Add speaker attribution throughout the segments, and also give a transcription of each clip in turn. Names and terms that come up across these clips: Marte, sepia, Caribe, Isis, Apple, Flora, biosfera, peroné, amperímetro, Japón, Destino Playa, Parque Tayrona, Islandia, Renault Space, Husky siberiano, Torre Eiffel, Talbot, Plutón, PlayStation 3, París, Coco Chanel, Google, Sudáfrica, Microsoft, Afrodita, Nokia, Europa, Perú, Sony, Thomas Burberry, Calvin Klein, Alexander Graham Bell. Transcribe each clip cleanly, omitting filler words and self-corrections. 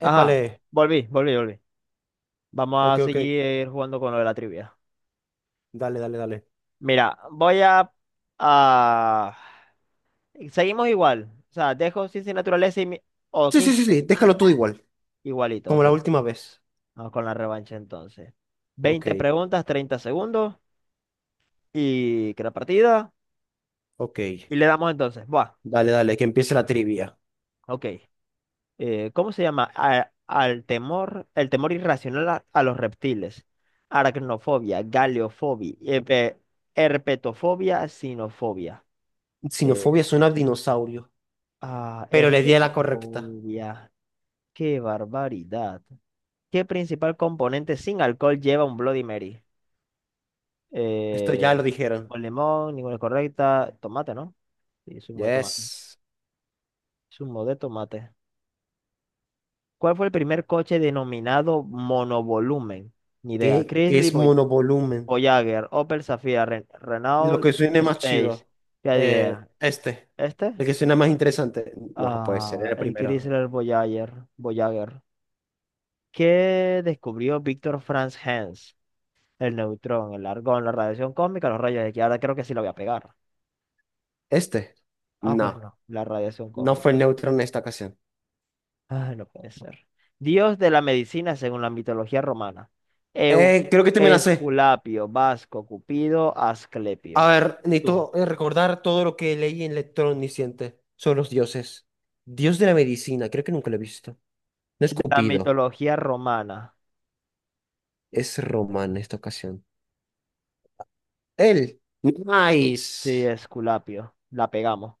Speaker 1: Ajá,
Speaker 2: Épale.
Speaker 1: volví, volví, volví. Vamos a
Speaker 2: Ok, ok.
Speaker 1: seguir jugando con lo de la trivia.
Speaker 2: Dale, dale, dale.
Speaker 1: Mira, a- seguimos igual. O sea, dejo sin naturaleza o
Speaker 2: Sí, sí,
Speaker 1: 15
Speaker 2: sí, sí, déjalo todo igual.
Speaker 1: igualito,
Speaker 2: Como
Speaker 1: ok.
Speaker 2: la última vez.
Speaker 1: Vamos con la revancha entonces.
Speaker 2: Ok,
Speaker 1: 20 preguntas, 30 segundos y que la partida.
Speaker 2: ok.
Speaker 1: Y le damos entonces. Buah,
Speaker 2: Dale, dale, que empiece la trivia.
Speaker 1: ok. ¿Cómo se llama? El temor irracional a los reptiles. Aracnofobia, galeofobia, herpetofobia, sinofobia. Eh,
Speaker 2: Sinofobia suena a dinosaurio,
Speaker 1: Ah,
Speaker 2: pero le di a la correcta.
Speaker 1: herpetofobia. Qué barbaridad. ¿Qué principal componente sin alcohol lleva un Bloody Mary?
Speaker 2: Esto ya lo
Speaker 1: Eh,
Speaker 2: dijeron.
Speaker 1: con limón, ninguna es correcta. Tomate, ¿no? Sí, zumo de tomate.
Speaker 2: Yes.
Speaker 1: Zumo de tomate. ¿Cuál fue el primer coche denominado monovolumen? Ni idea.
Speaker 2: ¿Qué
Speaker 1: Chrysler
Speaker 2: es
Speaker 1: Voy-
Speaker 2: monovolumen?
Speaker 1: Voyager, Opel Zafira, Ren-
Speaker 2: Lo que
Speaker 1: Renault
Speaker 2: suene más
Speaker 1: Space.
Speaker 2: chido.
Speaker 1: ¿Qué idea?
Speaker 2: Este. El
Speaker 1: ¿Este?
Speaker 2: que suena más interesante. No, puede ser
Speaker 1: Ah,
Speaker 2: el
Speaker 1: el
Speaker 2: primero.
Speaker 1: Chrysler Voyager. Voyager. ¿Qué descubrió Víctor Franz Hens? El neutrón, el argón, la radiación cósmica, los rayos X. Ahora creo que sí la voy a pegar.
Speaker 2: Este.
Speaker 1: Ah, pues
Speaker 2: No.
Speaker 1: no, la radiación
Speaker 2: No fue
Speaker 1: cósmica.
Speaker 2: neutro en esta ocasión.
Speaker 1: Ah, no puede ser. Dios de la medicina según la mitología romana. Eu-
Speaker 2: Creo que te me la sé.
Speaker 1: Esculapio, Vasco, Cupido,
Speaker 2: A
Speaker 1: Asclepio.
Speaker 2: ver,
Speaker 1: Tú.
Speaker 2: necesito recordar todo lo que leí en Lector Omnisciente sobre los dioses. Dios de la medicina, creo que nunca lo he visto. No es
Speaker 1: De la
Speaker 2: Cupido,
Speaker 1: mitología romana.
Speaker 2: es Román en esta ocasión. Él.
Speaker 1: Sí,
Speaker 2: Nice.
Speaker 1: Esculapio. La pegamos.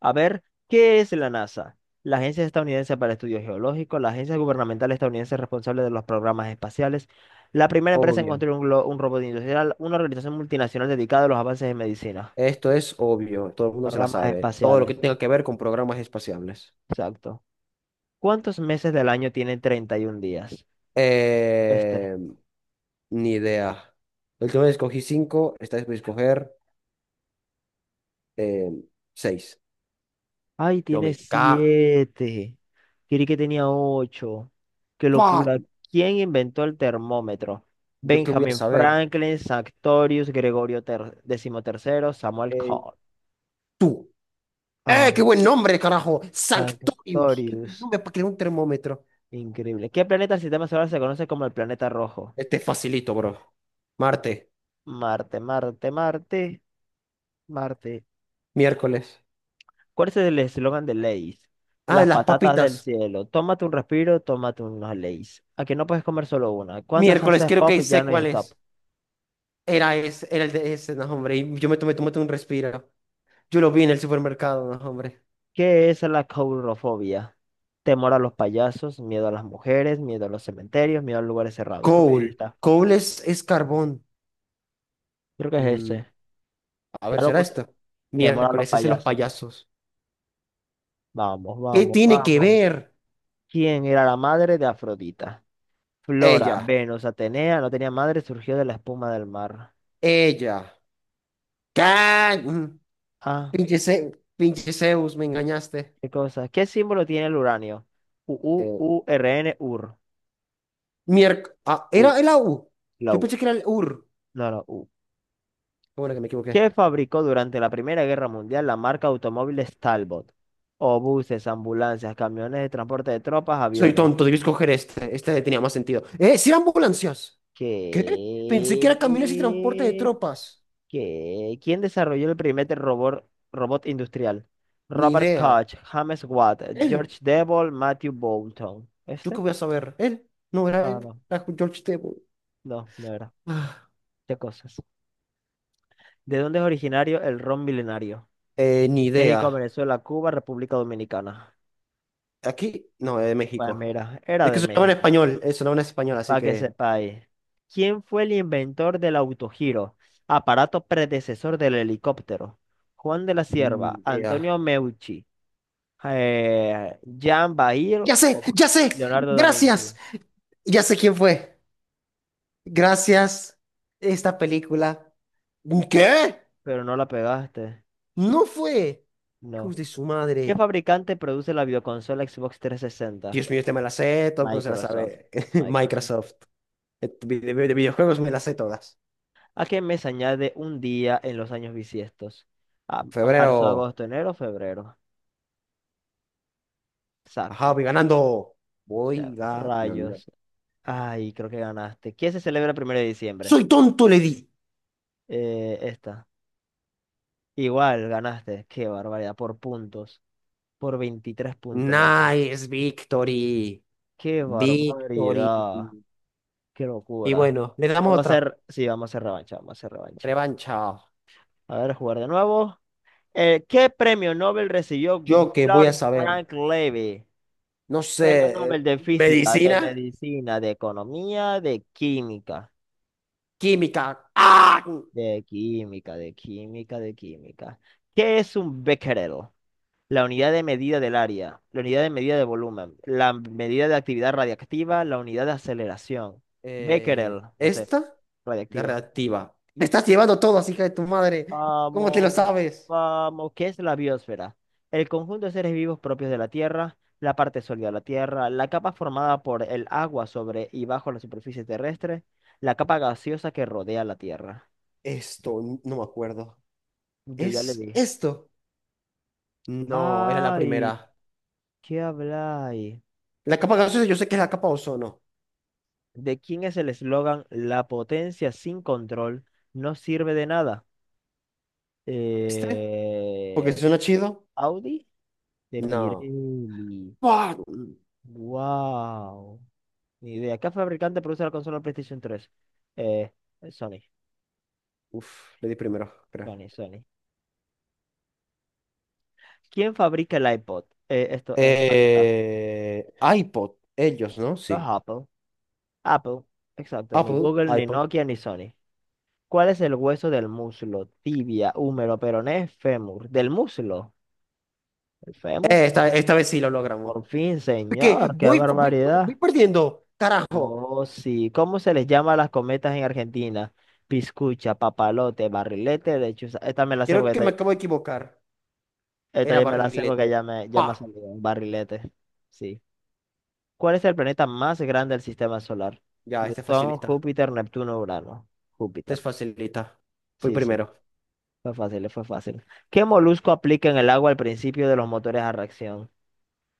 Speaker 1: A ver, ¿qué es la NASA? La Agencia Estadounidense para Estudios Geológicos, la agencia gubernamental estadounidense responsable de los programas espaciales, la primera empresa en
Speaker 2: Obvio.
Speaker 1: construir un robot industrial, una organización multinacional dedicada a los avances en medicina,
Speaker 2: Esto es obvio, todo el mundo se la
Speaker 1: ramas
Speaker 2: sabe. Todo lo
Speaker 1: espaciales,
Speaker 2: que tenga que ver con programas espaciales.
Speaker 1: exacto. ¿Cuántos meses del año tiene 31 días? Este.
Speaker 2: Eh, Ni idea. La última vez escogí cinco, esta vez voy a escoger eh, seis.
Speaker 1: Ay,
Speaker 2: Yo
Speaker 1: tiene
Speaker 2: me cago.
Speaker 1: siete. Creí que tenía ocho. Qué locura. ¿Quién inventó el termómetro?
Speaker 2: ¿Yo qué voy a
Speaker 1: Benjamin
Speaker 2: saber?
Speaker 1: Franklin, Sanctorius, Gregorio XIII, Samuel
Speaker 2: Eh,
Speaker 1: Cole.
Speaker 2: Tú. ¡Eh,
Speaker 1: Ah,
Speaker 2: qué buen nombre, carajo! Sanctorius. ¡Qué buen
Speaker 1: Sanctorius.
Speaker 2: nombre para crear un termómetro!
Speaker 1: Increíble. ¿Qué planeta del sistema solar se conoce como el planeta rojo?
Speaker 2: Este es facilito, bro. Marte,
Speaker 1: Marte, Marte, Marte, Marte.
Speaker 2: miércoles.
Speaker 1: ¿Cuál es el eslogan de Lay's?
Speaker 2: Ah,
Speaker 1: Las
Speaker 2: las
Speaker 1: patatas del
Speaker 2: papitas.
Speaker 1: cielo. Tómate un respiro, tómate unos Lay's. Aquí no puedes comer solo una. ¿Cuántas
Speaker 2: Miércoles,
Speaker 1: haces
Speaker 2: creo
Speaker 1: pop?
Speaker 2: que
Speaker 1: Ya
Speaker 2: sé
Speaker 1: no hay
Speaker 2: cuál
Speaker 1: stop.
Speaker 2: es. Era ese, era el de ese, no, hombre. Y yo me tomé un respiro. Yo lo vi en el supermercado, no, hombre.
Speaker 1: ¿Qué es la caurofobia? Temor a los payasos, miedo a las mujeres, miedo a los cementerios, miedo a lugares cerrados. Creo que es
Speaker 2: Coal.
Speaker 1: esta.
Speaker 2: Coal es carbón.
Speaker 1: Creo que es
Speaker 2: Mm,
Speaker 1: ese.
Speaker 2: a ver,
Speaker 1: Ya lo
Speaker 2: ¿será
Speaker 1: boté.
Speaker 2: esta?
Speaker 1: Temor a los
Speaker 2: Miércoles, ese es de los
Speaker 1: payasos.
Speaker 2: payasos.
Speaker 1: Vamos,
Speaker 2: ¿Qué
Speaker 1: vamos,
Speaker 2: tiene que
Speaker 1: vamos.
Speaker 2: ver?
Speaker 1: ¿Quién era la madre de Afrodita? Flora,
Speaker 2: Ella,
Speaker 1: Venus, Atenea, no tenía madre, surgió de la espuma del mar.
Speaker 2: ella. ¿Qué? Mm,
Speaker 1: Ah,
Speaker 2: Pinche, Ze- Pinche Zeus, me engañaste.
Speaker 1: qué cosa. ¿Qué símbolo tiene el uranio? U, U,
Speaker 2: Eh,
Speaker 1: U, R, N, u r
Speaker 2: ah,
Speaker 1: U,
Speaker 2: era el AU.
Speaker 1: la
Speaker 2: Yo
Speaker 1: U.
Speaker 2: pensé que era el UR.
Speaker 1: No, la U.
Speaker 2: Qué bueno, que me equivoqué.
Speaker 1: Que fabricó durante la Primera Guerra Mundial la marca automóviles Talbot, o buses, ambulancias, camiones de transporte de tropas,
Speaker 2: Soy
Speaker 1: aviones.
Speaker 2: tonto, debí escoger este. Este tenía más sentido. ¡Eh, sí eran ambulancias! ¿Qué? Pensé que era camiones y transporte de
Speaker 1: ¿Qué?
Speaker 2: tropas.
Speaker 1: ¿Qué? ¿Quién desarrolló el primer robot industrial?
Speaker 2: Ni
Speaker 1: Robert
Speaker 2: idea.
Speaker 1: Koch, James Watt,
Speaker 2: Él,
Speaker 1: George Devol, Matthew Boulton.
Speaker 2: ¿yo qué
Speaker 1: ¿Este?
Speaker 2: voy a saber? Él, no era
Speaker 1: Ah,
Speaker 2: él,
Speaker 1: no,
Speaker 2: era George Tebow.
Speaker 1: no, no era.
Speaker 2: Ah,
Speaker 1: ¿Qué cosas? ¿De dónde es originario el ron milenario?
Speaker 2: ni
Speaker 1: México,
Speaker 2: idea.
Speaker 1: Venezuela, Cuba, República Dominicana.
Speaker 2: Aquí, no, es de
Speaker 1: Pues
Speaker 2: México.
Speaker 1: mira, era
Speaker 2: Es que
Speaker 1: de México.
Speaker 2: sonaba en español, así
Speaker 1: Para que
Speaker 2: que...
Speaker 1: sepáis, ¿quién fue el inventor del autogiro, aparato predecesor del helicóptero? Juan de la Cierva,
Speaker 2: Mm, ya.
Speaker 1: Antonio Meucci, Jean Bail o
Speaker 2: Ya sé,
Speaker 1: Leonardo da
Speaker 2: gracias.
Speaker 1: Vinci.
Speaker 2: Ya sé quién fue. Gracias, esta película. ¿Qué?
Speaker 1: Pero no la pegaste,
Speaker 2: No fue.
Speaker 1: no.
Speaker 2: Hijos de su
Speaker 1: ¿Qué
Speaker 2: madre.
Speaker 1: fabricante produce la videoconsola Xbox 360?
Speaker 2: Dios mío, este me la sé, todo el mundo se la
Speaker 1: Microsoft.
Speaker 2: sabe.
Speaker 1: Microsoft.
Speaker 2: Microsoft. Eh, de videojuegos me las sé todas.
Speaker 1: ¿A qué mes añade un día en los años bisiestos? A marzo,
Speaker 2: Febrero.
Speaker 1: agosto, enero, febrero.
Speaker 2: Ajá,
Speaker 1: Exacto.
Speaker 2: voy ganando. Voy
Speaker 1: Ya,
Speaker 2: ganando.
Speaker 1: rayos. Ay, creo que ganaste. ¿Qué se celebra el 1 de diciembre?
Speaker 2: Soy tonto, le di.
Speaker 1: Esta. Igual, ganaste. Qué barbaridad. Por puntos. Por 23 puntos ganó.
Speaker 2: Nice victory.
Speaker 1: Qué
Speaker 2: Victory.
Speaker 1: barbaridad. Qué
Speaker 2: Y
Speaker 1: locura.
Speaker 2: bueno, le damos
Speaker 1: Vamos a
Speaker 2: otra.
Speaker 1: hacer, sí, vamos a hacer revancha, vamos a hacer revancha.
Speaker 2: Revancha.
Speaker 1: A ver, jugar de nuevo. ¿Qué premio Nobel recibió
Speaker 2: Yo que voy a
Speaker 1: Willard
Speaker 2: saber.
Speaker 1: Frank Levy?
Speaker 2: No
Speaker 1: Premio
Speaker 2: sé.
Speaker 1: Nobel de Física, de
Speaker 2: Medicina,
Speaker 1: Medicina, de Economía, de Química.
Speaker 2: química. ¡Ah!
Speaker 1: De química, de química, de química. ¿Qué es un becquerel? La unidad de medida del área, la unidad de medida de volumen, la medida de actividad radiactiva, la unidad de aceleración. Becquerel, no sé,
Speaker 2: Esta de
Speaker 1: radiactiva.
Speaker 2: reactiva. Me estás llevando todo, hija de tu madre. ¿Cómo te lo
Speaker 1: Vamos,
Speaker 2: sabes?
Speaker 1: vamos, ¿qué es la biosfera? El conjunto de seres vivos propios de la Tierra, la parte sólida de la Tierra, la capa formada por el agua sobre y bajo la superficie terrestre, la capa gaseosa que rodea la Tierra.
Speaker 2: Esto, no me acuerdo.
Speaker 1: Yo ya le
Speaker 2: ¿Es
Speaker 1: dije.
Speaker 2: esto? No, era la
Speaker 1: Ay,
Speaker 2: primera.
Speaker 1: ¿qué habláis?
Speaker 2: La capa gaseosa, yo sé que es la capa ozono.
Speaker 1: ¿De quién es el eslogan "La potencia sin control no sirve de nada"?
Speaker 2: ¿Este? Porque
Speaker 1: Eh,
Speaker 2: suena chido.
Speaker 1: Audi de
Speaker 2: No.
Speaker 1: Pirelli.
Speaker 2: Fuck.
Speaker 1: Wow. Ni idea. ¿Qué fabricante produce la consola PlayStation 3? Eh, Sony,
Speaker 2: Uf, le di primero, creo.
Speaker 1: Sony, Sony. ¿Quién fabrica el iPod? Esto, aquí está.
Speaker 2: IPod, ellos, ¿no?
Speaker 1: Los
Speaker 2: Sí.
Speaker 1: Apple. Apple. Exacto. Ni
Speaker 2: Apple,
Speaker 1: Google, ni
Speaker 2: iPod.
Speaker 1: Nokia, ni Sony. ¿Cuál es el hueso del muslo? Tibia, húmero, peroné, fémur. ¿Del muslo? ¿El fémur?
Speaker 2: Esta, esta vez sí lo logramos.
Speaker 1: Por fin,
Speaker 2: Porque
Speaker 1: señor, qué
Speaker 2: voy, voy,
Speaker 1: barbaridad.
Speaker 2: voy perdiendo. Carajo.
Speaker 1: Oh, sí. ¿Cómo se les llama a las cometas en Argentina? Piscucha, papalote, barrilete. De hecho, esta me la sé
Speaker 2: Creo
Speaker 1: porque
Speaker 2: que me
Speaker 1: esta,
Speaker 2: acabo de equivocar.
Speaker 1: esta
Speaker 2: Era
Speaker 1: ya me la sé porque
Speaker 2: barrilete.
Speaker 1: ya me, ya
Speaker 2: Pa.
Speaker 1: me ha salido un barrilete. Sí. ¿Cuál es el planeta más grande del sistema solar?
Speaker 2: Ya, este
Speaker 1: Plutón,
Speaker 2: facilita.
Speaker 1: Júpiter, Neptuno, Urano.
Speaker 2: Este es
Speaker 1: Júpiter.
Speaker 2: facilita. Fui
Speaker 1: Sí, sí.
Speaker 2: primero.
Speaker 1: Fue fácil, fue fácil. ¿Qué molusco aplica en el agua al principio de los motores a reacción?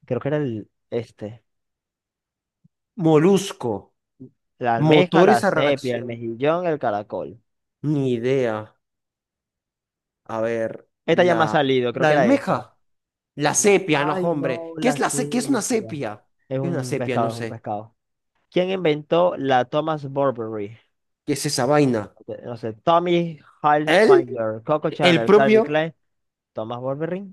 Speaker 1: Creo que era el este.
Speaker 2: Molusco.
Speaker 1: La almeja,
Speaker 2: Motores
Speaker 1: la
Speaker 2: a
Speaker 1: sepia, el
Speaker 2: reacción.
Speaker 1: mejillón, el caracol.
Speaker 2: Ni idea. A ver.
Speaker 1: Esta ya me ha
Speaker 2: La,
Speaker 1: salido, creo
Speaker 2: la
Speaker 1: que era esa.
Speaker 2: almeja. La
Speaker 1: No.
Speaker 2: sepia, no,
Speaker 1: Ay, no,
Speaker 2: hombre. ¿Qué es
Speaker 1: la
Speaker 2: qué es una
Speaker 1: cebra.
Speaker 2: sepia?
Speaker 1: Es
Speaker 2: ¿Qué es una
Speaker 1: un
Speaker 2: sepia?
Speaker 1: pescado,
Speaker 2: No
Speaker 1: es un
Speaker 2: sé.
Speaker 1: pescado. ¿Quién inventó la Thomas Burberry?
Speaker 2: ¿Qué es esa vaina?
Speaker 1: Ok, no sé, Tommy
Speaker 2: ¿Él?
Speaker 1: Hilfiger, Coco
Speaker 2: El
Speaker 1: Chanel, Calvin
Speaker 2: propio,
Speaker 1: Klein, Thomas Burberry.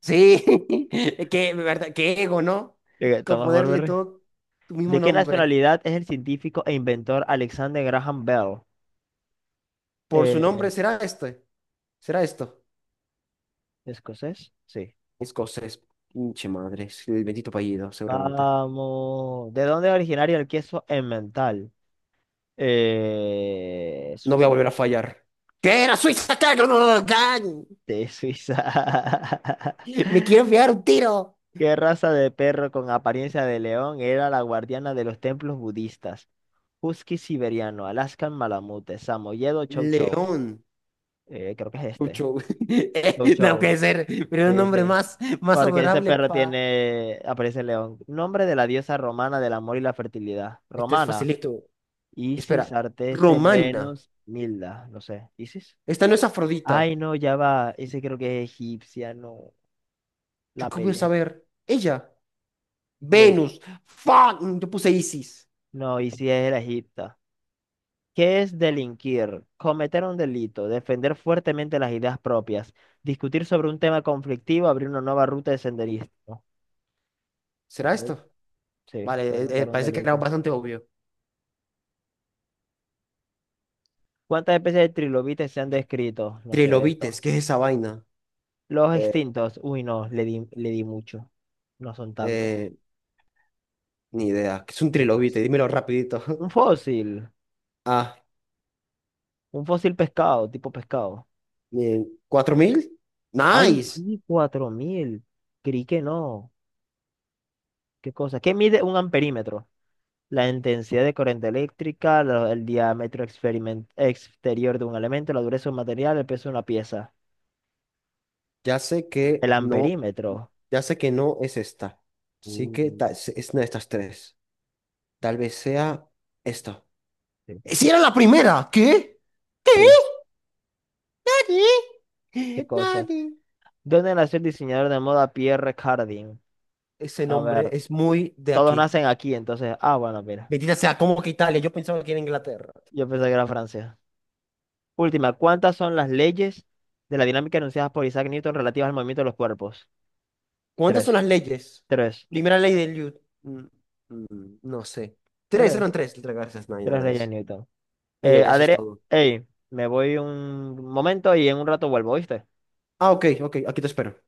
Speaker 2: sí, qué, verdad, qué ego, ¿no? Con
Speaker 1: Thomas
Speaker 2: ponerle
Speaker 1: Burberry.
Speaker 2: todo tu mismo
Speaker 1: ¿De qué
Speaker 2: nombre.
Speaker 1: nacionalidad es el científico e inventor Alexander Graham Bell?
Speaker 2: Por su
Speaker 1: Eh,
Speaker 2: nombre será este, será esto.
Speaker 1: ¿Escocés? Sí.
Speaker 2: Escocés, pinche madre, es el bendito apellido, seguramente.
Speaker 1: Vamos. ¿De dónde es originario el queso emmental?
Speaker 2: No voy a
Speaker 1: ¿Suiza?
Speaker 2: volver a fallar.
Speaker 1: Sí,
Speaker 2: ¿Qué era Suiza? ¿Qué? No, no, no, no, can.
Speaker 1: de Suiza.
Speaker 2: Me quiero pegar un tiro.
Speaker 1: ¿Qué raza de perro con apariencia de león era la guardiana de los templos budistas? Husky siberiano, Alaskan malamute, samoyedo chow chow.
Speaker 2: León,
Speaker 1: Creo que es este.
Speaker 2: Pucho.
Speaker 1: Chow
Speaker 2: No
Speaker 1: chow.
Speaker 2: puede ser, pero era un
Speaker 1: Sí,
Speaker 2: nombre
Speaker 1: sí.
Speaker 2: más, más
Speaker 1: Porque ese
Speaker 2: adorable
Speaker 1: perro
Speaker 2: pa.
Speaker 1: tiene aparece de león. Nombre de la diosa romana del amor y la fertilidad.
Speaker 2: Este es
Speaker 1: Romana.
Speaker 2: facilito.
Speaker 1: Isis,
Speaker 2: Espera,
Speaker 1: Arteste,
Speaker 2: Romana.
Speaker 1: Venus, Milda. No sé. ¿Isis?
Speaker 2: Esta no es Afrodita.
Speaker 1: Ay, no, ya va. Ese creo que es egipcia, no.
Speaker 2: ¿Yo
Speaker 1: La
Speaker 2: qué voy a
Speaker 1: pele
Speaker 2: saber? Ella,
Speaker 1: Ven.
Speaker 2: Venus, ¡fan! Yo puse Isis.
Speaker 1: No, Isis es la egipta. ¿Qué es delinquir? Cometer un delito, defender fuertemente las ideas propias, discutir sobre un tema conflictivo, abrir una nueva ruta de senderismo.
Speaker 2: ¿Será
Speaker 1: Gabriel,
Speaker 2: esto?
Speaker 1: sí,
Speaker 2: Vale,
Speaker 1: cometer un
Speaker 2: parece que era
Speaker 1: delito.
Speaker 2: bastante obvio.
Speaker 1: ¿Cuántas especies de trilobites se han descrito? No sé
Speaker 2: Trilobites,
Speaker 1: esto.
Speaker 2: ¿qué es esa vaina?
Speaker 1: Los
Speaker 2: Eh,
Speaker 1: extintos. Uy, no, le di mucho. No son tantos.
Speaker 2: eh, Ni idea. ¿Qué es un
Speaker 1: Me
Speaker 2: trilobite?
Speaker 1: paso.
Speaker 2: Dímelo rapidito.
Speaker 1: Un fósil.
Speaker 2: Ah,
Speaker 1: Un fósil pescado, tipo pescado.
Speaker 2: bien. ¿4,000?
Speaker 1: Ay,
Speaker 2: Nice.
Speaker 1: sí, 4.000. Creí que no. ¿Qué cosa? ¿Qué mide un amperímetro? La intensidad de corriente eléctrica, el diámetro exterior de un elemento, la dureza de un material, el peso de una pieza,
Speaker 2: Ya sé que
Speaker 1: el
Speaker 2: no,
Speaker 1: amperímetro.
Speaker 2: ya sé que no es esta. Sí que
Speaker 1: Uh,
Speaker 2: es una de estas tres. Tal vez sea esta.
Speaker 1: sí.
Speaker 2: ¡Si era la primera! ¿Qué? ¿Qué?
Speaker 1: Sí, qué cosa.
Speaker 2: Nadie.
Speaker 1: ¿Dónde nació el diseñador de moda Pierre Cardin?
Speaker 2: Ese
Speaker 1: A
Speaker 2: nombre
Speaker 1: ver,
Speaker 2: es muy de
Speaker 1: todos
Speaker 2: aquí.
Speaker 1: nacen aquí, entonces. Ah, bueno, mira.
Speaker 2: Bendita sea, ¿cómo que Italia? Yo pensaba que era Inglaterra.
Speaker 1: Yo pensé que era Francia. Última, ¿cuántas son las leyes de la dinámica enunciadas por Isaac Newton relativas al movimiento de los cuerpos?
Speaker 2: ¿Cuántas son
Speaker 1: Tres,
Speaker 2: las leyes?
Speaker 1: tres,
Speaker 2: Primera ley del... mm, no sé. Tres, eran
Speaker 1: tres,
Speaker 2: tres. Gracias, nine,
Speaker 1: tres
Speaker 2: nine,
Speaker 1: leyes de
Speaker 2: nice.
Speaker 1: Newton.
Speaker 2: Ella, eso es
Speaker 1: Adri,
Speaker 2: todo.
Speaker 1: ey, me voy un momento y en un rato vuelvo, ¿viste?
Speaker 2: Ah, ok, ok, aquí te espero.